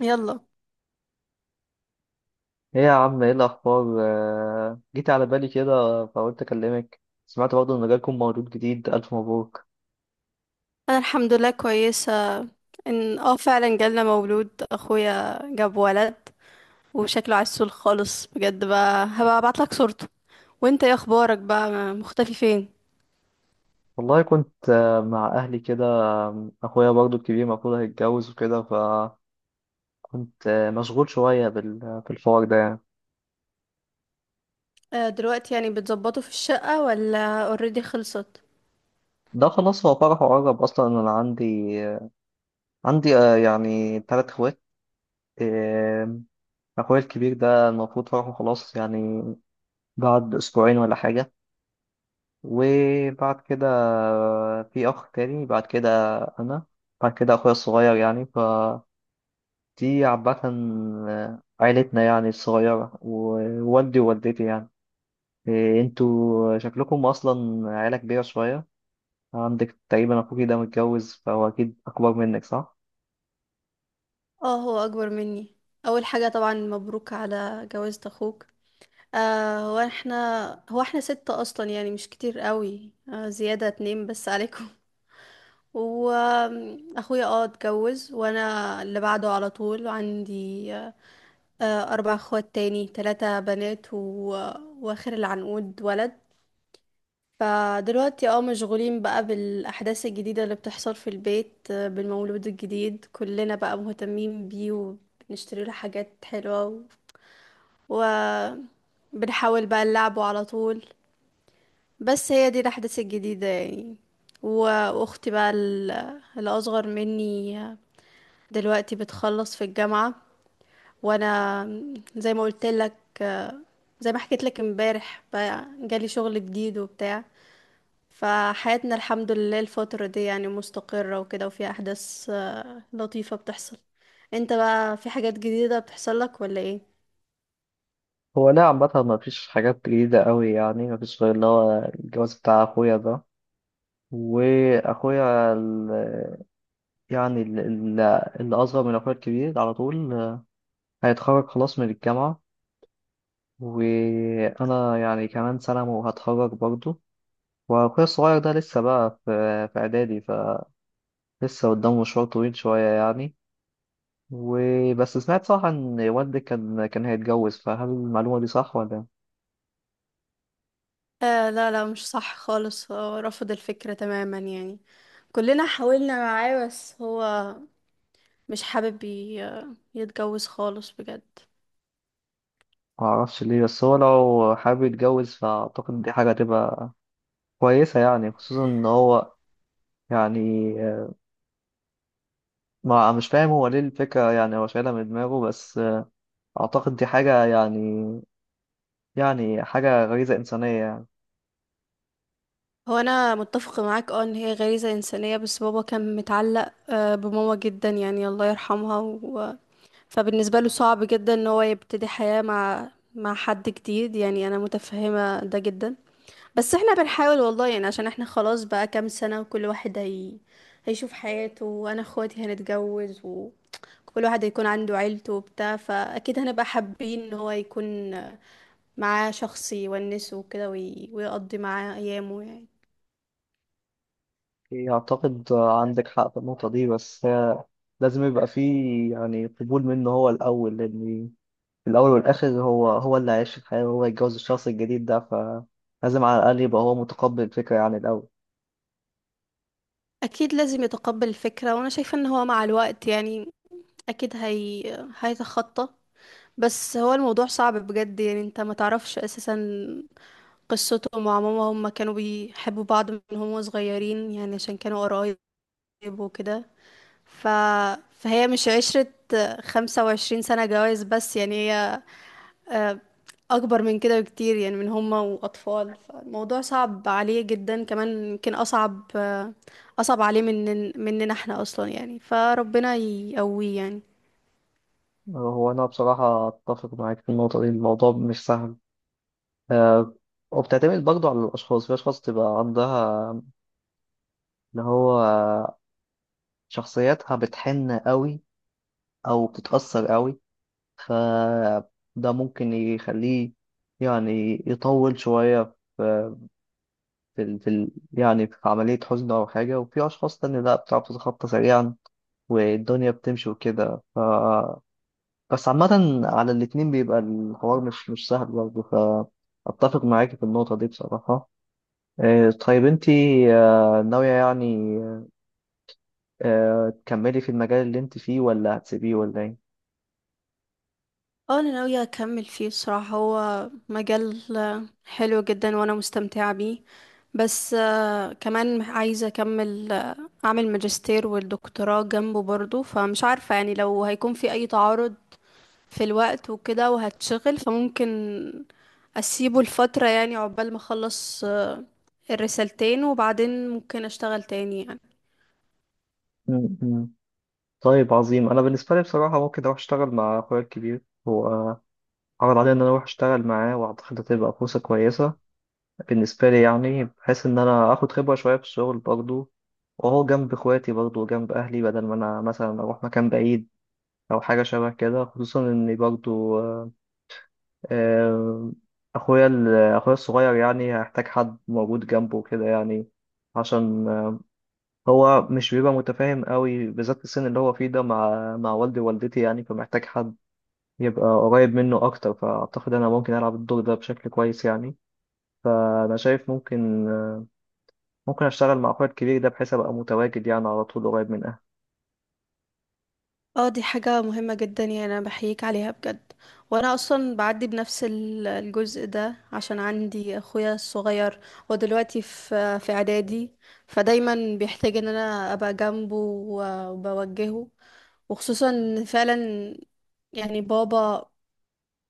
يلا. ايه يا عم، ايه الاخبار؟ جيت على بالي كده فقلت اكلمك. سمعت برضه ان جالكم مولود جديد، الف مبروك. انا الحمد لله كويسه. ان فعلا جالنا مولود، اخويا جاب ولد وشكله عسول خالص بجد. بقى هبقى ابعتلك صورته. وانت ايه اخبارك بقى، مختفي فين؟ والله كنت مع اهلي كده. اخويا برضه الكبير المفروض هيتجوز وكده، فكنت مشغول شويه بالحوار ده يعني. دلوقتي يعني بتظبطوا في الشقه ولا اوريدي خلصت؟ ده خلاص، هو فرحه قرب اصلا. انا عندي يعني 3 اخوات. آم، اخويا الكبير ده المفروض فرحه خلاص يعني بعد اسبوعين ولا حاجه. وبعد كده في أخ تاني، بعد كده أنا، بعد كده أخويا الصغير يعني. فدي عامة عيلتنا يعني الصغيرة، ووالدي ووالدتي يعني. إيه، انتوا شكلكم أصلا عيلة كبيرة شوية. عندك تقريبا أخوكي ده متجوز، فهو أكيد أكبر منك، صح؟ اه، هو اكبر مني. اول حاجه طبعا مبروك على جوازة اخوك. آه هو احنا هو احنا ستة اصلا يعني، مش كتير قوي، زياده اتنين بس عليكم. واخويا اتجوز، وانا اللي بعده على طول، عندي اربع اخوات تاني، ثلاثة بنات واخر العنقود ولد. فدلوقتي مشغولين بقى بالاحداث الجديدة اللي بتحصل في البيت، بالمولود الجديد كلنا بقى مهتمين بيه وبنشتري له حاجات حلوة، و... وبنحاول بقى نلعبه على طول. بس هي دي الاحداث الجديدة يعني. و- واختي بقى الاصغر مني دلوقتي بتخلص في الجامعة. وانا زي ما قلت لك، زي ما حكيت لك امبارح بقى جالي شغل جديد وبتاع. فحياتنا الحمد لله الفترة دي يعني مستقرة وكده، وفي احداث لطيفة بتحصل. انت بقى في حاجات جديدة بتحصل لك ولا ايه؟ هو لا، عامة مفيش حاجات جديدة أوي يعني، مفيش غير اللي هو الجواز بتاع أخويا ده. وأخويا ال- يعني ال- ال- اللي أصغر من أخويا الكبير على طول هيتخرج خلاص من الجامعة. وأنا يعني كمان سنة وهتخرج برضه. وأخويا الصغير ده لسه بقى في إعدادي، فلسه قدامه مشوار طويل شوية يعني. وبس، سمعت صح إن والدي كان هيتجوز، فهل المعلومة دي صح ولا؟ آه لا لا، مش صح خالص، هو رفض الفكرة تماما يعني. كلنا حاولنا معاه بس هو مش حابب يتجوز خالص بجد. معرفش ليه، بس هو لو حابب يتجوز فأعتقد دي حاجة تبقى كويسة يعني. خصوصا إن هو يعني، ما مش فاهم هو ليه الفكرة يعني، هو شايلها من دماغه بس. أعتقد دي حاجة يعني حاجة غريزة إنسانية يعني. هو انا متفقه معاك ان هي غريزه انسانيه، بس بابا كان متعلق بماما جدا يعني، الله يرحمها فبالنسبه له صعب جدا ان هو يبتدي حياه مع حد جديد يعني، انا متفهمه ده جدا. بس احنا بنحاول والله يعني، عشان احنا خلاص بقى كام سنه وكل واحد هيشوف حياته، وانا اخواتي هنتجوز وكل واحد هيكون عنده عيلته وبتاع، فاكيد هنبقى حابين ان هو يكون معاه شخص يونسه وكده ويقضي معاه ايامه يعني. إيه، أعتقد عندك حق في النقطة دي، بس هي لازم يبقى فيه يعني قبول منه هو الأول. لأن في الأول والآخر هو هو اللي هيعيش الحياة وهو يتجوز الشخص الجديد ده، فلازم على الأقل يبقى هو متقبل الفكرة يعني الأول. اكيد لازم يتقبل الفكرة، وانا شايفة ان هو مع الوقت يعني اكيد هيتخطى. بس هو الموضوع صعب بجد يعني، انت ما تعرفش اساسا قصته مع ماما. هما كانوا بيحبوا بعض من هما صغيرين يعني، عشان كانوا قرايب وكده ف... فهي مش عشرة، 25 سنة جواز بس يعني. هي آه، اكبر من كده بكتير يعني، من هما واطفال. فالموضوع صعب عليه جدا، كمان يمكن اصعب عليه من مننا احنا اصلا يعني، فربنا يقويه يعني. هو أنا بصراحة أتفق معاك في النقطة دي، الموضوع مش سهل. آه، وبتعتمد برضه على الأشخاص. في أشخاص تبقى عندها اللي هو شخصيتها بتحن قوي أو بتتأثر قوي، فده ممكن يخليه يعني يطول شوية في يعني في عملية حزن أو حاجة. وفي أشخاص تانية لأ، بتعرف تتخطى سريعا والدنيا بتمشي وكده. ف بس عامة على الاتنين بيبقى الحوار مش سهل برضه، فأتفق معاكي في النقطة دي بصراحة. طيب، انتي ناوية يعني تكملي في المجال اللي انت فيه ولا هتسيبيه ولا ايه؟ اه انا ناوية اكمل فيه الصراحة، هو مجال حلو جدا وانا مستمتعة بيه. بس كمان عايزة اكمل، اعمل ماجستير والدكتوراه جنبه برضو، فمش عارفة يعني لو هيكون في اي تعارض في الوقت وكده وهتشغل، فممكن اسيبه لفترة يعني، عقبال ما اخلص الرسالتين، وبعدين ممكن اشتغل تاني يعني. طيب عظيم. انا بالنسبه لي بصراحه ممكن اروح اشتغل مع اخويا الكبير. هو عرض عليا ان انا اروح اشتغل معاه، واعتقد هتبقى فرصه كويسه بالنسبه لي يعني، بحيث ان انا اخد خبره شويه في الشغل برضه، وهو جنب اخواتي برضه وجنب اهلي، بدل ما انا مثلا اروح مكان بعيد او حاجه شبه كده. خصوصا ان برضه آه، اخويا ال- اخويا الصغير يعني هيحتاج حد موجود جنبه كده يعني، عشان هو مش بيبقى متفاهم قوي بالذات في السن اللي هو فيه ده مع والدي ووالدتي يعني، فمحتاج حد يبقى قريب منه أكتر. فأعتقد أنا ممكن ألعب الدور ده بشكل كويس يعني. فأنا شايف ممكن أشتغل مع أخويا الكبير ده، بحيث أبقى متواجد يعني على طول قريب من أهلي. اه، دي حاجة مهمة جدا يعني، انا بحييك عليها بجد. وانا اصلا بعدي بنفس الجزء ده، عشان عندي اخويا الصغير هو دلوقتي في اعدادي، فدايما بيحتاج ان انا ابقى جنبه وبوجهه، وخصوصا إن فعلا يعني بابا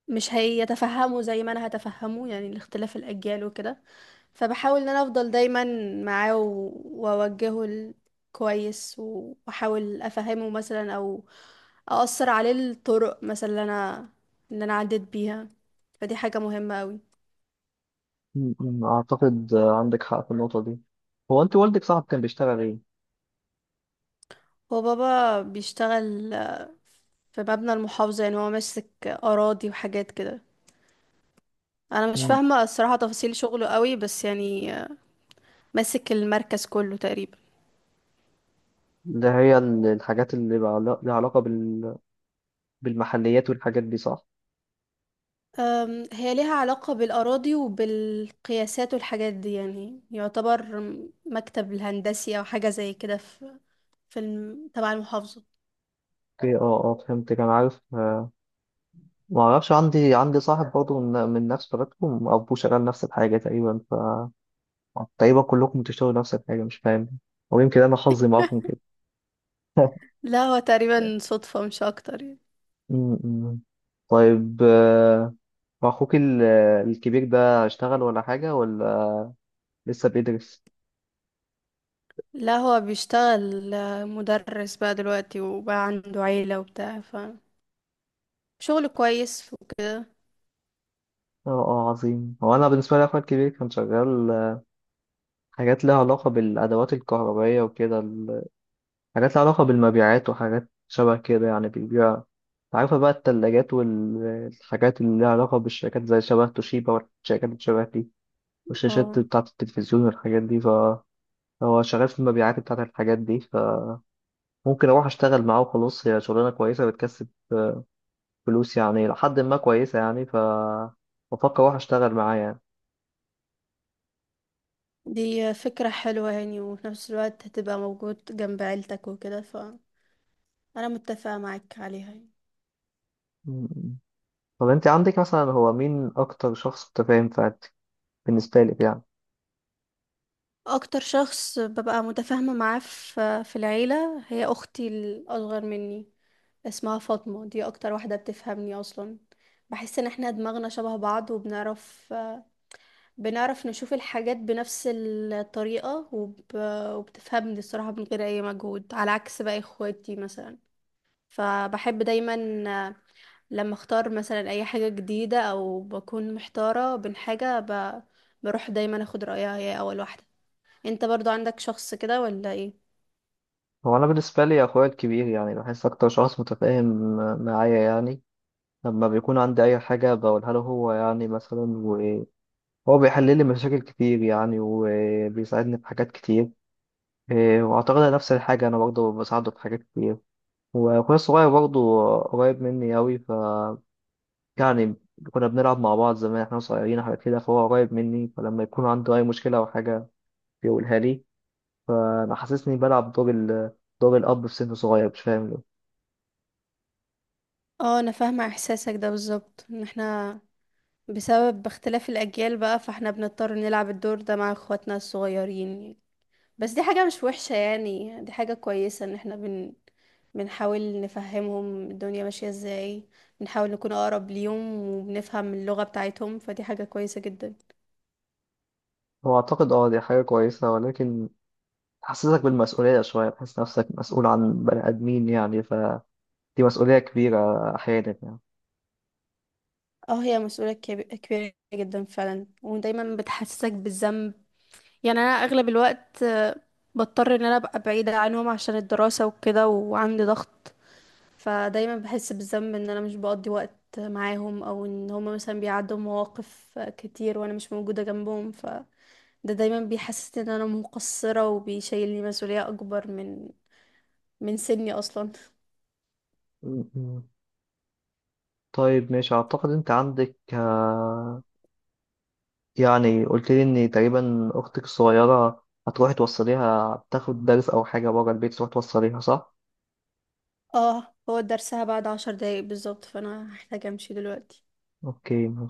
مش هيتفهموا زي ما انا هتفهمه يعني، الاختلاف الاجيال وكده. فبحاول ان انا افضل دايما معاه، واوجهه كويس، واحاول افهمه مثلا، او اقصر عليه الطرق مثلا اللي انا ان انا عديت بيها. فدي حاجة مهمة قوي. م- م، أعتقد عندك حق في النقطة دي. هو أنت، والدك صاحب كان بيشتغل إيه؟ هو بابا بيشتغل في مبنى المحافظة، يعني هو ماسك اراضي وحاجات كده. انا مش م، فاهمة الصراحة تفاصيل شغله قوي، بس يعني ماسك المركز كله تقريبا. اللي هي الحاجات اللي بقى لها علاقة بالمحليات والحاجات دي، صح؟ هي ليها علاقة بالأراضي وبالقياسات والحاجات دي، يعني يعتبر مكتب الهندسي أو حاجة زي كده في تبع المحافظة. اوكي، اه، اه، فهمت. كان عارف ما اعرفش. عندي صاحب برضه من نفس بلدكم، ابوه شغال نفس الحاجه تقريبا. طيب كلكم بتشتغلوا نفس الحاجة، مش فاهم. ويمكن أنا حظي معاكم كده. لا هو تقريبا صدفة، مش أكتر يعني. م- م. طيب، أخوك الكبير ده اشتغل ولا حاجة، ولا لسه بيدرس؟ لا هو بيشتغل مدرس بقى دلوقتي، وبقى عنده عيلة وبتاع، فشغل كويس. اه، اه، عظيم. هو أنا بالنسبة لي أخويا الكبير كان شغال حاجات لها علاقة بالأدوات الكهربائية وكده. حاجات لها علاقة بالمبيعات وحاجات شبه كده يعني، بيبيع، عارفة بقى، التلاجات والحاجات اللي لها علاقة بالشركات زي شبه توشيبا والشركات اللي شبه دي، والشاشات اه بتاعة التلفزيون والحاجات دي. هو شغال في المبيعات بتاعت الحاجات دي، فممكن اروح اشتغل معاه وخلاص. هي شغلانه كويسه، بتكسب فلوس يعني لحد ما كويسه يعني. ف بفكر اروح اشتغل معاه يعني. دي فكرة حلوة يعني، وفي نفس الوقت هتبقى موجود جنب عيلتك وكده، فأنا متفقة معاك عليها يعني. م- طب، انت عندك مثلا، هو مين اكتر شخص متفاهم في عيلتك بالنسبه لك يعني؟ اكتر شخص ببقى متفاهمة معاه في العيلة هي اختي الاصغر مني، اسمها فاطمة. دي اكتر واحدة بتفهمني اصلا، بحس ان احنا دماغنا شبه بعض، وبنعرف نشوف الحاجات بنفس الطريقة، وبتفهمني الصراحة من غير اي مجهود، على عكس باقي اخواتي مثلا. فبحب دايما لما اختار مثلا اي حاجة جديدة او بكون محتارة بين بروح دايما اخد رأيها هي اول واحدة. انت برضو عندك شخص كده ولا ايه؟ هو انا بالنسبه لي اخويا الكبير يعني، بحس اكتر شخص متفاهم معايا يعني. لما بيكون عندي اي حاجه بقولها له هو يعني مثلا، وهو بيحل لي مشاكل كتير يعني، وبيساعدني في حاجات كتير. إيه، وأعتقد نفس الحاجة أنا برضه بساعده في حاجات كتير. وأخويا الصغير برضه قريب مني أوي. ف يعني كنا بنلعب مع بعض زمان إحنا صغيرين وحاجات كده، فهو قريب مني. فلما يكون عنده أي مشكلة أو حاجة بيقولها لي. أنا حاسسني بلعب دور دور الأب في سن صغير، مش فاهم ليه. اه، انا فاهمة احساسك ده بالظبط، ان احنا بسبب اختلاف الاجيال بقى، فاحنا بنضطر نلعب الدور ده مع اخواتنا الصغيرين. بس دي حاجة مش وحشة يعني، دي حاجة كويسة ان احنا بنحاول نفهمهم الدنيا ماشية ازاي، بنحاول نكون اقرب ليهم وبنفهم اللغة بتاعتهم، فدي حاجة كويسة جدا. هو أعتقد أه دي حاجة كويسة، ولكن تحسسك بالمسؤولية شوية، تحس نفسك مسؤول عن بني آدمين يعني، فدي مسؤولية كبيرة أحيانا يعني. اه، هي مسؤولية كبيرة جدا فعلا، ودايما بتحسسك بالذنب يعني. انا اغلب الوقت بضطر ان انا ابقى بعيدة عنهم عشان الدراسة وكده، وعندي ضغط. فدايما بحس بالذنب ان انا مش بقضي وقت معاهم، او ان هما مثلا بيعدوا مواقف كتير وانا مش موجودة جنبهم. فده دايما بيحسسني ان انا مقصرة، وبيشيلني مسؤولية اكبر من سني اصلا. م- م. طيب ماشي، أعتقد أنت عندك يعني قلت لي ان تقريبا اختك الصغيره هتروحي توصليها تاخد درس او حاجه بره البيت، تروحي توصليها، صح؟ اه، هو درسها بعد 10 دقايق بالظبط، فانا هحتاج امشي دلوقتي. اوكي.